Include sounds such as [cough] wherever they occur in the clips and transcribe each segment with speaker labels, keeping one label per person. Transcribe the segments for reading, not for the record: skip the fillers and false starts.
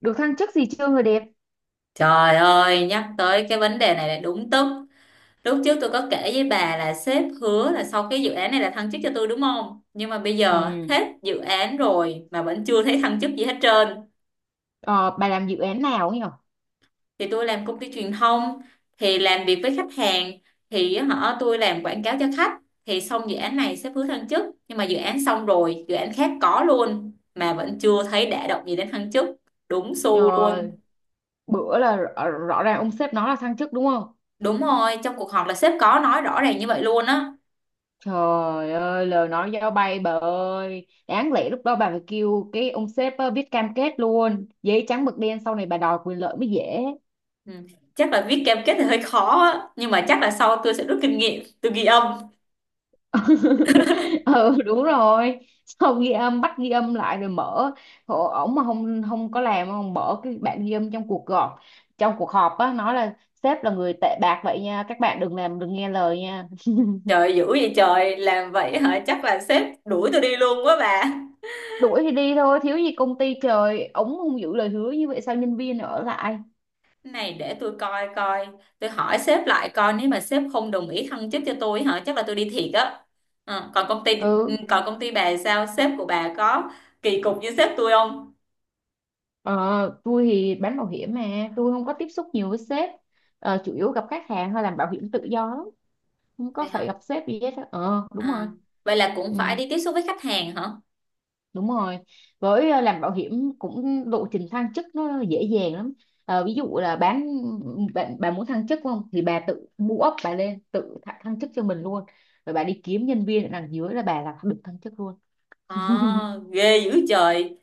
Speaker 1: Được thăng chức gì chưa, người đẹp?
Speaker 2: Trời ơi, nhắc tới cái vấn đề này là đúng tức. Lúc trước tôi có kể với bà là sếp hứa là sau cái dự án này là thăng chức cho tôi, đúng không? Nhưng mà bây giờ
Speaker 1: Ừ.
Speaker 2: hết dự án rồi mà vẫn chưa thấy thăng chức gì hết trơn.
Speaker 1: ờ, bà làm dự án nào ấy nhở?
Speaker 2: Thì tôi làm công ty truyền thông, thì làm việc với khách hàng, thì họ tôi làm quảng cáo cho khách. Thì xong dự án này sếp hứa thăng chức, nhưng mà dự án xong rồi, dự án khác có luôn mà vẫn chưa thấy đả động gì đến thăng chức. Đúng xu
Speaker 1: Trời,
Speaker 2: luôn.
Speaker 1: bữa là rõ ràng ông sếp nói là thăng chức đúng không?
Speaker 2: Đúng rồi, trong cuộc họp là sếp có nói rõ ràng như vậy luôn á.
Speaker 1: Trời ơi, lời nói giao bay, bà ơi, đáng lẽ lúc đó bà phải kêu cái ông sếp viết cam kết luôn, giấy trắng mực đen, sau này bà đòi quyền lợi mới dễ.
Speaker 2: Ừ. Chắc là viết cam kết thì hơi khó á. Nhưng mà chắc là sau tôi sẽ rút kinh nghiệm. Tôi ghi âm.
Speaker 1: [laughs] Ừ, đúng rồi. Xong ghi âm, bắt ghi âm lại rồi mở. Ồ, ổng mà không không có làm, không mở cái bản ghi âm trong cuộc họp, trong cuộc họp á, nói là sếp là người tệ bạc vậy nha, các bạn đừng làm, đừng nghe lời nha.
Speaker 2: Trời, dữ vậy trời. Làm vậy hả? Chắc là sếp đuổi tôi đi luôn quá bà.
Speaker 1: Đuổi thì đi thôi, thiếu gì công ty. Trời, ổng không giữ lời hứa như vậy sao nhân viên ở lại?
Speaker 2: Cái này để tôi coi coi. Tôi hỏi sếp lại coi. Nếu mà sếp không đồng ý thăng chức cho tôi hả, chắc là tôi đi thiệt á. Còn công ty,
Speaker 1: Ừ.
Speaker 2: còn công ty bà sao? Sếp của bà có kỳ cục như sếp tôi không?
Speaker 1: ờ, tôi thì bán bảo hiểm mà tôi không có tiếp xúc nhiều với sếp. Chủ yếu gặp khách hàng, hay làm bảo hiểm tự do lắm, không có
Speaker 2: Vậy
Speaker 1: phải
Speaker 2: hả?
Speaker 1: gặp sếp gì hết á. Ờ Đúng
Speaker 2: à,
Speaker 1: rồi.
Speaker 2: Vậy là cũng
Speaker 1: Ừ,
Speaker 2: phải đi tiếp xúc với khách hàng hả?
Speaker 1: đúng rồi. Với làm bảo hiểm cũng lộ trình thăng chức nó dễ dàng lắm. Ờ, ví dụ là bán, bạn bà muốn thăng chức không thì bà tự mua ốc bà lên, tự thăng thăng chức cho mình luôn. Rồi bà đi kiếm nhân viên ở đằng dưới là bà là được thăng chức luôn.
Speaker 2: Ờ
Speaker 1: [laughs]
Speaker 2: Ghê dữ trời.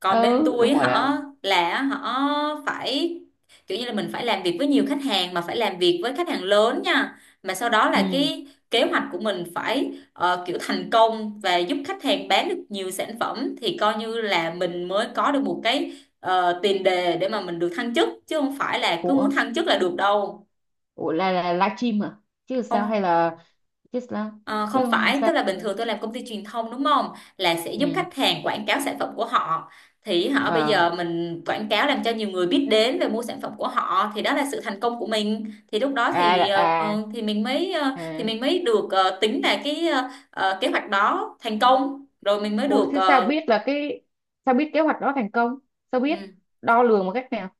Speaker 2: Còn bên
Speaker 1: Ừ, đúng
Speaker 2: tôi
Speaker 1: rồi đó.
Speaker 2: họ phải kiểu như là mình phải làm việc với nhiều khách hàng, mà phải làm việc với khách hàng lớn nha. Mà sau đó là
Speaker 1: Ừ.
Speaker 2: cái kế hoạch của mình phải kiểu thành công và giúp khách hàng bán được nhiều sản phẩm, thì coi như là mình mới có được một cái tiền đề để mà mình được thăng chức, chứ không phải là cứ muốn
Speaker 1: Ủa.
Speaker 2: thăng chức là được đâu.
Speaker 1: Ủa, là livestream à? Chứ sao, hay
Speaker 2: Không.
Speaker 1: là chứ sao?
Speaker 2: Ờ,
Speaker 1: Chứ
Speaker 2: Không phải,
Speaker 1: sao
Speaker 2: tức là bình
Speaker 1: rồi?
Speaker 2: thường tôi làm công ty truyền thông đúng không? Là sẽ giúp
Speaker 1: Ừ.
Speaker 2: khách hàng quảng cáo sản phẩm của họ. Thì họ bây
Speaker 1: Ờ.
Speaker 2: giờ mình quảng cáo làm cho nhiều người biết đến về mua sản phẩm của họ thì đó là sự thành công của mình. Thì lúc đó
Speaker 1: À.
Speaker 2: thì
Speaker 1: À.
Speaker 2: thì mình mới thì
Speaker 1: À.
Speaker 2: mình mới được tính là cái kế hoạch đó thành công rồi mình mới
Speaker 1: Ủa,
Speaker 2: được
Speaker 1: thế sao biết là cái, sao biết kế hoạch đó thành công? Sao biết
Speaker 2: ừ.
Speaker 1: đo lường một cách nào?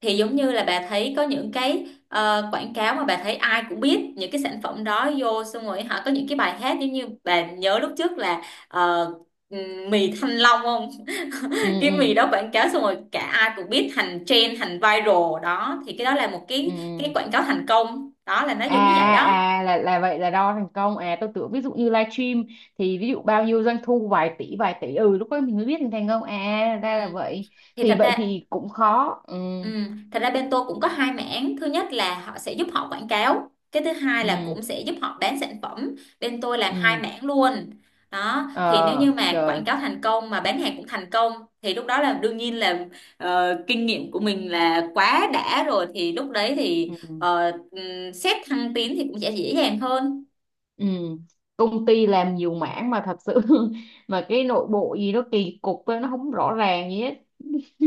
Speaker 2: Thì giống như là bà thấy có những cái quảng cáo mà bà thấy ai cũng biết những cái sản phẩm đó vô, xong rồi họ có những cái bài hát, giống như bà nhớ lúc trước là ờ, mì Thanh Long không?
Speaker 1: Ừ,
Speaker 2: [laughs] Cái mì
Speaker 1: ừ.
Speaker 2: đó quảng cáo xong rồi cả ai cũng biết, thành trend thành viral đó, thì cái đó là một
Speaker 1: Ừ.
Speaker 2: cái quảng cáo thành công đó, là nó
Speaker 1: À
Speaker 2: giống như vậy đó.
Speaker 1: à, là vậy là đo thành công. À, tôi tưởng ví dụ như livestream, thì ví dụ bao nhiêu doanh thu, vài tỷ vài tỷ, ừ lúc đó mình mới biết thành thành công. À
Speaker 2: Ừ.
Speaker 1: ra là vậy.
Speaker 2: Thì
Speaker 1: Thì
Speaker 2: thật
Speaker 1: vậy
Speaker 2: ra,
Speaker 1: thì cũng khó. Ừ,
Speaker 2: ừ, thật ra bên tôi cũng có hai mảng. Thứ nhất là họ sẽ giúp họ quảng cáo, cái thứ hai là
Speaker 1: ừ,
Speaker 2: cũng sẽ giúp họ bán sản phẩm. Bên tôi làm hai
Speaker 1: ừ.
Speaker 2: mảng luôn đó. Thì nếu như
Speaker 1: Ờ
Speaker 2: mà quảng
Speaker 1: trời.
Speaker 2: cáo thành công mà bán hàng cũng thành công thì lúc đó là đương nhiên là kinh nghiệm của mình là quá đã rồi, thì lúc đấy thì
Speaker 1: Ừ,
Speaker 2: xét thăng tiến thì cũng sẽ dễ dàng hơn.
Speaker 1: ừ. Công ty làm nhiều mảng mà thật sự [laughs] mà cái nội bộ gì nó kỳ cục, nó không rõ ràng gì hết.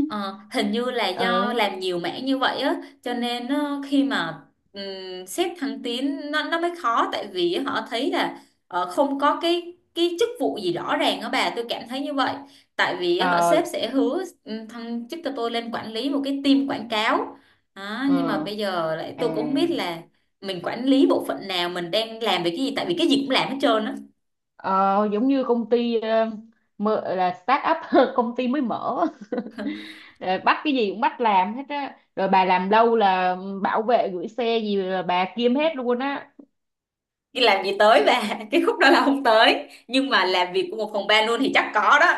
Speaker 2: Ờ, hình như là do
Speaker 1: Ờ,
Speaker 2: làm nhiều mảng như vậy á, cho nên khi mà xét thăng tiến nó mới khó, tại vì họ thấy là không có cái chức vụ gì rõ ràng á bà, tôi cảm thấy như vậy. Tại vì á, họ
Speaker 1: ờ,
Speaker 2: sếp sẽ hứa thăng chức cho tôi lên quản lý một cái team quảng cáo. Đó,
Speaker 1: ừ.
Speaker 2: nhưng mà bây giờ lại
Speaker 1: À,
Speaker 2: tôi cũng không biết là mình quản lý bộ phận nào, mình đang làm về cái gì, tại vì cái gì cũng làm hết trơn á.
Speaker 1: ờ, giống như công ty mở, là start up, [laughs] công ty mới mở. [laughs] Ờ, bắt cái gì cũng bắt làm hết á, rồi bà làm lâu là bảo vệ gửi xe gì là bà kiêm hết luôn á.
Speaker 2: Đi làm gì tới bà, [laughs] cái khúc đó là không tới, nhưng mà làm việc của một phòng ban luôn thì chắc có đó.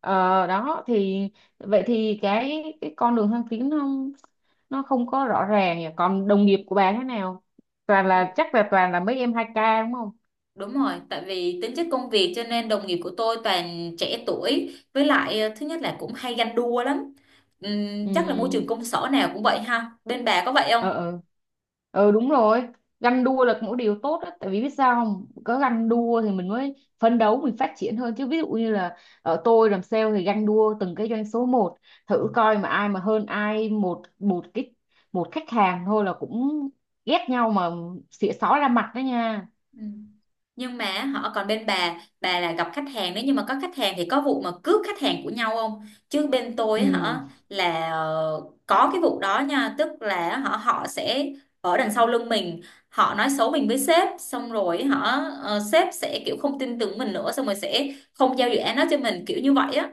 Speaker 1: Ờ, Đó thì vậy thì cái con đường thăng tiến nó không có rõ ràng nhỉ. Còn đồng nghiệp của bà thế nào? Toàn là, chắc là toàn là mấy em hai ca đúng không?
Speaker 2: Đúng rồi, tại vì tính chất công việc cho nên đồng nghiệp của tôi toàn trẻ tuổi, với lại thứ nhất là cũng hay ganh đua lắm. Chắc là môi
Speaker 1: Ừ,
Speaker 2: trường công sở nào cũng vậy ha. Bên bà có vậy không?
Speaker 1: ờ, ờ, ờ, đúng rồi. Ganh đua là một điều tốt đó, tại vì biết sao, không có ganh đua thì mình mới phấn đấu, mình phát triển hơn chứ. Ví dụ như là ở tôi làm sale thì ganh đua từng cái doanh số một, thử coi mà ai mà hơn ai một một cái, một khách hàng thôi là cũng ghét nhau mà, xỉa xó ra mặt đó nha.
Speaker 2: Ừ. Nhưng mà họ, còn bên bà là gặp khách hàng, nếu như mà có khách hàng thì có vụ mà cướp khách hàng của nhau không? Chứ bên tôi
Speaker 1: Ừ.
Speaker 2: hả, là có cái vụ đó nha. Tức là họ họ sẽ ở đằng sau lưng mình, họ nói xấu mình với sếp, xong rồi họ sếp sẽ kiểu không tin tưởng mình nữa, xong rồi sẽ không giao dự án đó cho mình, kiểu như vậy á.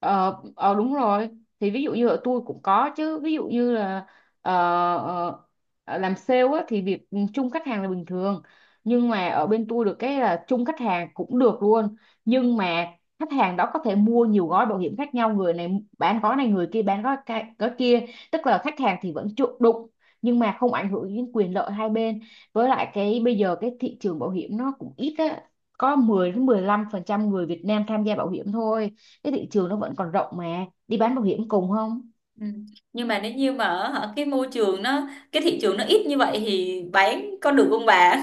Speaker 1: Ờ, ờ đúng rồi. Thì ví dụ như ở tôi cũng có chứ, ví dụ như là ờ, ờ, làm sale á, thì việc chung khách hàng là bình thường, nhưng mà ở bên tôi được cái là chung khách hàng cũng được luôn. Nhưng mà khách hàng đó có thể mua nhiều gói bảo hiểm khác nhau, người này bán gói này, người kia bán gói kia, tức là khách hàng thì vẫn chủ đụng, nhưng mà không ảnh hưởng đến quyền lợi hai bên. Với lại cái bây giờ cái thị trường bảo hiểm nó cũng ít á, có 10 đến 15% người Việt Nam tham gia bảo hiểm thôi, cái thị trường nó vẫn còn rộng mà đi bán bảo hiểm cùng không.
Speaker 2: Ừ. Nhưng mà nếu như mà hả, cái môi trường nó, cái thị trường nó ít như vậy thì bán có được không bà?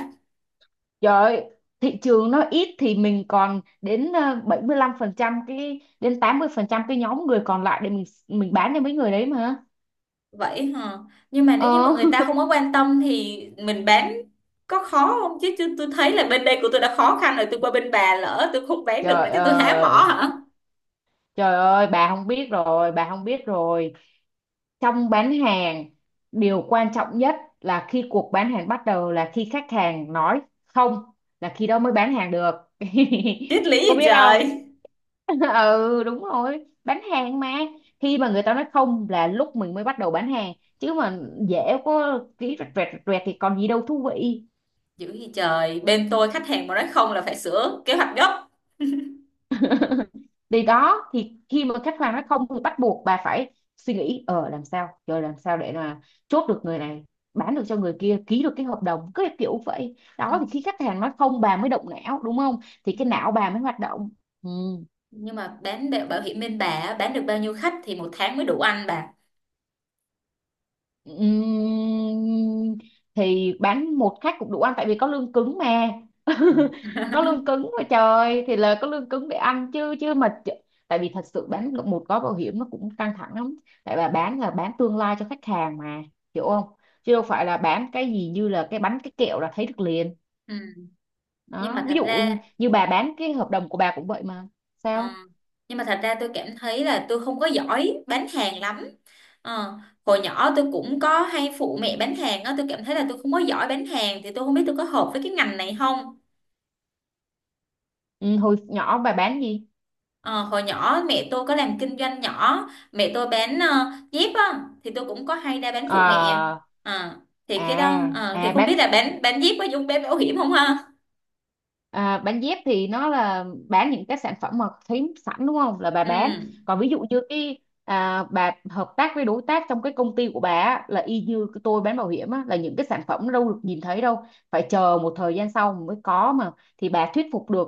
Speaker 1: Trời ơi, thị trường nó ít thì mình còn đến 75% cái, đến 80% cái nhóm người còn lại để mình bán cho mấy người đấy mà.
Speaker 2: Vậy hả, nhưng mà
Speaker 1: Ờ.
Speaker 2: nếu như mà người ta không có quan tâm thì mình bán có khó không? Chứ chứ tôi thấy là bên đây của tôi đã khó khăn rồi, tôi qua bên bà lỡ tôi không
Speaker 1: [laughs]
Speaker 2: bán được nữa,
Speaker 1: Trời
Speaker 2: chứ tôi há mỏ
Speaker 1: ơi,
Speaker 2: hả?
Speaker 1: trời ơi bà không biết rồi, bà không biết rồi. Trong bán hàng, điều quan trọng nhất là khi cuộc bán hàng bắt đầu là khi khách hàng nói không, là khi đó mới bán hàng được.
Speaker 2: Triết lý
Speaker 1: [laughs] Có
Speaker 2: gì
Speaker 1: biết không?
Speaker 2: trời.
Speaker 1: [laughs] Ừ, đúng rồi, bán hàng mà. Khi mà người ta nói không là lúc mình mới bắt đầu bán hàng, chứ mà dễ có ký rẹt rẹt rẹt rẹt thì còn gì đâu thú vị.
Speaker 2: Dữ gì trời, bên tôi khách hàng mà nói không là phải sửa kế hoạch gấp.
Speaker 1: Thì đó, thì khi mà khách hàng nói không thì bắt buộc bà phải suy nghĩ làm sao, rồi làm sao để là chốt được người này, bán được cho người kia, ký được cái hợp đồng, cứ kiểu vậy
Speaker 2: Ừ.
Speaker 1: đó. Thì khi khách hàng nói không bà mới động não đúng không? Thì cái não bà mới hoạt động. Ừ.
Speaker 2: Nhưng mà bán bảo bảo hiểm bên bà á, bán được bao nhiêu khách thì một tháng mới đủ ăn bà?
Speaker 1: Ừm, thì bán một khách cũng đủ ăn, tại vì có lương cứng mà. [laughs] Có lương
Speaker 2: [laughs]
Speaker 1: cứng mà trời, thì là có lương cứng để ăn chứ chứ mà tại vì thật sự bán được một gói bảo hiểm nó cũng căng thẳng lắm, tại bà bán là bán tương lai cho khách hàng mà, hiểu không? Chứ đâu phải là bán cái gì như là cái bánh cái kẹo là thấy được liền.
Speaker 2: Ừ. Nhưng
Speaker 1: Đó,
Speaker 2: mà
Speaker 1: ví
Speaker 2: thật
Speaker 1: dụ
Speaker 2: ra,
Speaker 1: như bà bán cái hợp đồng của bà cũng vậy mà.
Speaker 2: Ờ,
Speaker 1: Sao?
Speaker 2: nhưng mà thật ra tôi cảm thấy là tôi không có giỏi bán hàng lắm. Ờ, Hồi nhỏ tôi cũng có hay phụ mẹ bán hàng á, tôi cảm thấy là tôi không có giỏi bán hàng thì tôi không biết tôi có hợp với cái ngành này không.
Speaker 1: Ừ, hồi nhỏ bà bán gì?
Speaker 2: Ờ, Hồi nhỏ mẹ tôi có làm kinh doanh nhỏ, mẹ tôi bán dép á, thì tôi cũng có hay ra bán phụ mẹ.
Speaker 1: Ờ,
Speaker 2: Ờ, thì cái đó
Speaker 1: à
Speaker 2: thì
Speaker 1: à
Speaker 2: không
Speaker 1: bán.
Speaker 2: biết là bán dép có dùng bán bảo hiểm không ha.
Speaker 1: À, bán dép thì nó là bán những cái sản phẩm mà thấy sẵn đúng không, là bà
Speaker 2: Ừ.
Speaker 1: bán. Còn ví dụ như cái à, bà hợp tác với đối tác trong cái công ty của bà á, là y như cái tôi bán bảo hiểm á, là những cái sản phẩm nó đâu được nhìn thấy đâu, phải chờ một thời gian sau mới có mà. Thì bà thuyết phục được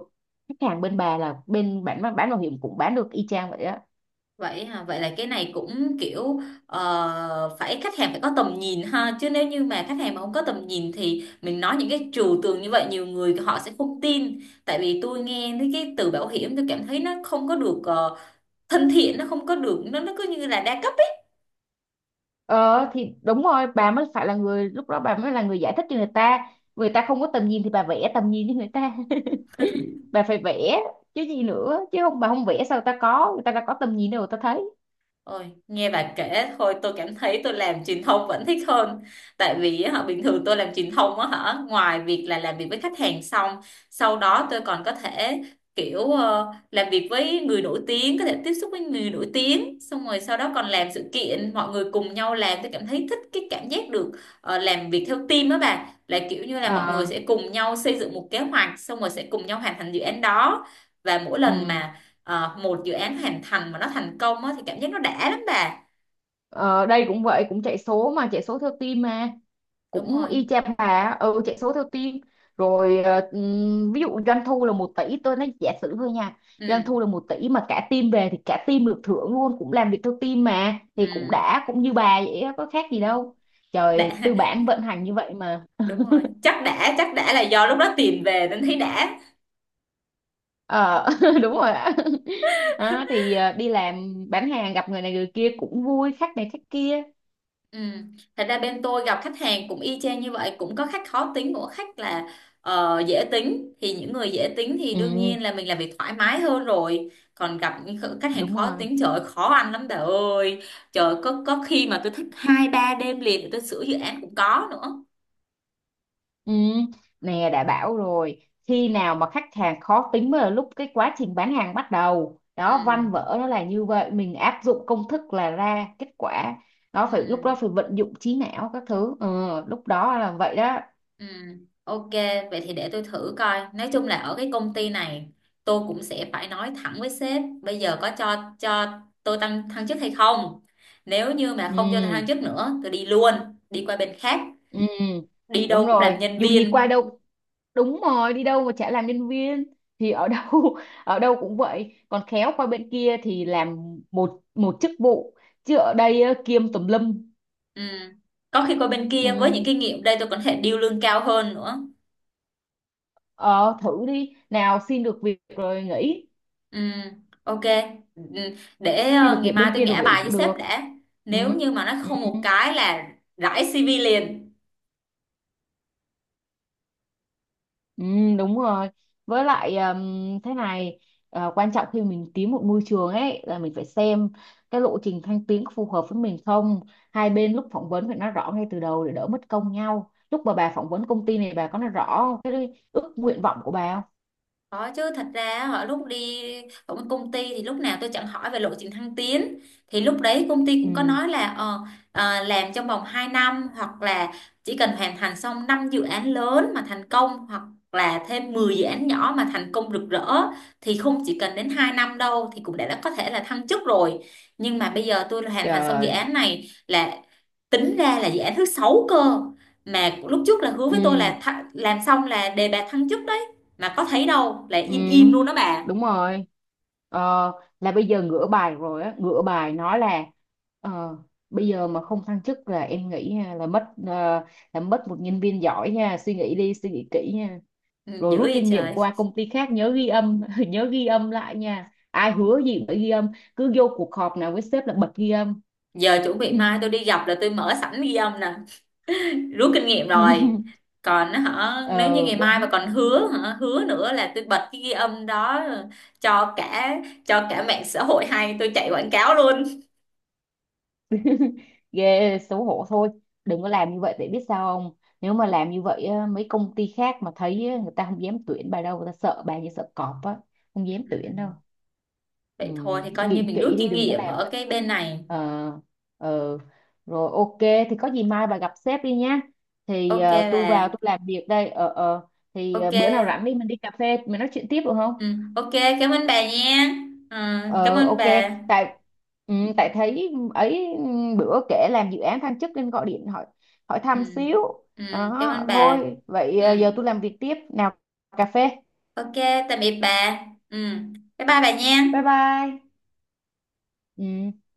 Speaker 1: khách hàng bên bà là bên bán bảo hiểm cũng bán được y chang vậy á.
Speaker 2: Vậy hả? Vậy là cái này cũng kiểu phải, khách hàng phải có tầm nhìn ha, chứ nếu như mà khách hàng mà không có tầm nhìn thì mình nói những cái trừu tượng như vậy nhiều người họ sẽ không tin. Tại vì tôi nghe thấy cái từ bảo hiểm, tôi cảm thấy nó không có được thân thiện, nó không có được, nó cứ như là đa cấp.
Speaker 1: Ờ thì đúng rồi, bà mới phải là người, lúc đó bà mới là người giải thích cho người ta. Người ta không có tầm nhìn thì bà vẽ tầm nhìn cho người ta, bà phải vẽ. Chứ gì nữa, chứ không bà không vẽ sao ta có, người ta đã có tầm nhìn đâu, người ta thấy.
Speaker 2: Ôi, nghe bà kể thôi tôi cảm thấy tôi làm truyền thông vẫn thích hơn. Tại vì á, bình thường tôi làm truyền thông á hả, ngoài việc là làm việc với khách hàng xong, sau đó tôi còn có thể kiểu làm việc với người nổi tiếng, có thể tiếp xúc với người nổi tiếng, xong rồi sau đó còn làm sự kiện, mọi người cùng nhau làm, tôi cảm thấy thích cái cảm giác được làm việc theo team á bà. Là kiểu như là mọi người
Speaker 1: Ờ,
Speaker 2: sẽ cùng nhau xây dựng một kế hoạch, xong rồi sẽ cùng nhau hoàn thành dự án đó. Và mỗi lần
Speaker 1: ừ.
Speaker 2: mà một dự án hoàn thành mà nó thành công á, thì cảm giác nó đã lắm bà.
Speaker 1: Ờ, đây cũng vậy, cũng chạy số mà chạy số theo team mà,
Speaker 2: Đúng
Speaker 1: cũng
Speaker 2: rồi.
Speaker 1: y chang bà á, ừ chạy số theo team. Rồi ví dụ doanh thu là 1 tỷ, tôi nói giả sử thôi nha. Doanh
Speaker 2: Ừ.
Speaker 1: thu là 1 tỷ mà cả team về thì cả team được thưởng luôn, cũng làm việc theo team mà, thì cũng
Speaker 2: Ừ.
Speaker 1: đã, cũng như bà vậy á, có khác
Speaker 2: Ừ.
Speaker 1: gì đâu. Trời,
Speaker 2: Đã.
Speaker 1: tư bản vận hành như vậy mà.
Speaker 2: [laughs] Đúng rồi, chắc đã, chắc đã là do lúc đó tiền về nên thấy đã.
Speaker 1: Ờ, [laughs] đúng rồi ạ. [laughs] Đó, thì đi làm bán hàng gặp người này người kia cũng vui, khách này khách kia.
Speaker 2: Ừ. Thật ra bên tôi gặp khách hàng cũng y chang như vậy, cũng có khách khó tính cũng có khách là dễ tính. Thì những người dễ tính thì đương
Speaker 1: Ừ,
Speaker 2: nhiên là mình làm việc thoải mái hơn rồi, còn gặp những khách hàng
Speaker 1: đúng
Speaker 2: khó
Speaker 1: rồi.
Speaker 2: tính trời ơi, khó ăn lắm bà ơi. Trời ơi, có khi mà tôi thức 2 3 đêm liền để tôi sửa dự án cũng có nữa.
Speaker 1: Ừ. Nè, đã bảo rồi, khi nào mà khách hàng khó tính mới là lúc cái quá trình bán hàng bắt đầu đó, văn
Speaker 2: Ừ.
Speaker 1: vở nó là như vậy, mình áp dụng công thức là ra kết quả. Đó,
Speaker 2: Ừ.
Speaker 1: phải lúc đó phải vận dụng trí não các thứ, ừ, lúc đó là vậy đó.
Speaker 2: Ừ, ok, vậy thì để tôi thử coi. Nói chung là ở cái công ty này, tôi cũng sẽ phải nói thẳng với sếp, bây giờ có cho tôi tăng thăng chức hay không? Nếu như mà không cho tôi thăng
Speaker 1: Ừ.
Speaker 2: chức nữa, tôi đi luôn, đi qua bên khác,
Speaker 1: Ừ
Speaker 2: đi
Speaker 1: đúng
Speaker 2: đâu cũng
Speaker 1: rồi,
Speaker 2: làm nhân
Speaker 1: dù gì qua
Speaker 2: viên.
Speaker 1: đâu, đúng rồi, đi đâu mà chả làm nhân viên. Thì ở đâu, [laughs] ở đâu cũng vậy, còn khéo qua bên kia thì làm một một chức vụ, chứ ở đây á, kiêm tùm lum.
Speaker 2: Ừ. Có khi qua bên
Speaker 1: Ừ.
Speaker 2: kia với những kinh nghiệm đây tôi còn có thể điêu lương cao hơn nữa.
Speaker 1: ờ, Thử đi, nào xin được việc rồi nghỉ.
Speaker 2: Ừ, ok. Ừ, để
Speaker 1: Xin được
Speaker 2: ngày
Speaker 1: việc
Speaker 2: mai
Speaker 1: bên
Speaker 2: tôi
Speaker 1: kia rồi
Speaker 2: ngã
Speaker 1: nghỉ
Speaker 2: bài với
Speaker 1: cũng
Speaker 2: sếp
Speaker 1: được.
Speaker 2: đã.
Speaker 1: Ừ.
Speaker 2: Nếu như mà nó
Speaker 1: Ừ.
Speaker 2: không một cái là rải CV liền.
Speaker 1: Ừ, đúng rồi. Với lại thế này, quan trọng khi mình tìm một môi trường ấy là mình phải xem cái lộ trình thăng tiến có phù hợp với mình không. Hai bên lúc phỏng vấn phải nói rõ ngay từ đầu để đỡ mất công nhau. Lúc mà bà phỏng vấn công ty này bà có nói rõ cái ước nguyện vọng của bà không?
Speaker 2: Có chứ, thật ra họ lúc đi ở một công ty thì lúc nào tôi chẳng hỏi về lộ trình thăng tiến. Thì lúc đấy công ty cũng có
Speaker 1: Ừ,
Speaker 2: nói là làm trong vòng 2 năm, hoặc là chỉ cần hoàn thành xong 5 dự án lớn mà thành công, hoặc là thêm 10 dự án nhỏ mà thành công rực rỡ, thì không chỉ cần đến 2 năm đâu, thì cũng đã có thể là thăng chức rồi. Nhưng mà bây giờ tôi hoàn thành xong dự
Speaker 1: trời.
Speaker 2: án này là tính ra là dự án thứ 6 cơ, mà lúc trước là hứa với tôi
Speaker 1: Ừ.
Speaker 2: là làm xong là đề bạt thăng chức, mà có thấy đâu, lại
Speaker 1: Ừ,
Speaker 2: im im luôn đó bà.
Speaker 1: đúng rồi. Ờ, là bây giờ ngửa bài rồi á, ngửa bài nói là ờ, bây giờ mà không thăng chức là em nghĩ ha, là mất là mất một nhân viên giỏi nha, suy nghĩ đi, suy nghĩ kỹ nha.
Speaker 2: Ừ,
Speaker 1: Rồi
Speaker 2: dữ
Speaker 1: rút
Speaker 2: vậy
Speaker 1: kinh nghiệm
Speaker 2: trời.
Speaker 1: qua công ty khác nhớ ghi âm, [laughs] nhớ ghi âm lại nha. Ai hứa gì cũng phải ghi âm, cứ vô cuộc họp nào với sếp là bật ghi âm.
Speaker 2: Giờ chuẩn bị mai tôi đi gặp là tôi mở sẵn ghi âm nè, rút kinh nghiệm rồi.
Speaker 1: [laughs]
Speaker 2: Còn á hả, nếu như
Speaker 1: Ừ,
Speaker 2: ngày mai mà
Speaker 1: đúng.
Speaker 2: còn hứa hả, hứa nữa là tôi bật cái ghi âm đó cho cả, cho cả mạng xã hội hay tôi chạy quảng cáo luôn.
Speaker 1: Ghê, xấu hổ thôi, đừng có làm như vậy, để biết sao không, nếu mà làm như vậy á, mấy công ty khác mà thấy á, người ta không dám tuyển bà đâu, người ta sợ bà như sợ cọp á, không dám tuyển
Speaker 2: Ừ.
Speaker 1: đâu. Ừ,
Speaker 2: Vậy thôi thì coi như
Speaker 1: nghĩ
Speaker 2: mình rút
Speaker 1: kỹ đi,
Speaker 2: kinh
Speaker 1: đừng có
Speaker 2: nghiệm
Speaker 1: làm
Speaker 2: ở
Speaker 1: vậy.
Speaker 2: cái bên này.
Speaker 1: Ờ, ờ, rồi ok, thì có gì mai bà gặp sếp đi nhá. Thì
Speaker 2: Ok
Speaker 1: tôi vào
Speaker 2: bà.
Speaker 1: tôi làm việc đây, ờ, ờ. Thì
Speaker 2: Ok.
Speaker 1: bữa nào rảnh đi, mình đi cà phê mình nói chuyện tiếp được không?
Speaker 2: Ừ, ok. Cảm ơn bà nha. Ừ, cảm
Speaker 1: Ờ,
Speaker 2: ơn
Speaker 1: ok.
Speaker 2: bà.
Speaker 1: Tại ừ, tại thấy ấy, ừ, bữa kể làm dự án thăng chức nên gọi điện hỏi, hỏi
Speaker 2: Ừ,
Speaker 1: thăm xíu.
Speaker 2: ừ, cảm
Speaker 1: Đó
Speaker 2: ơn bà.
Speaker 1: thôi vậy,
Speaker 2: Ừ.
Speaker 1: giờ tôi làm việc tiếp nào. Cà phê.
Speaker 2: Ok, tạm biệt bà. Ừ, bye bye bà nha.
Speaker 1: Bye bye. Ừ.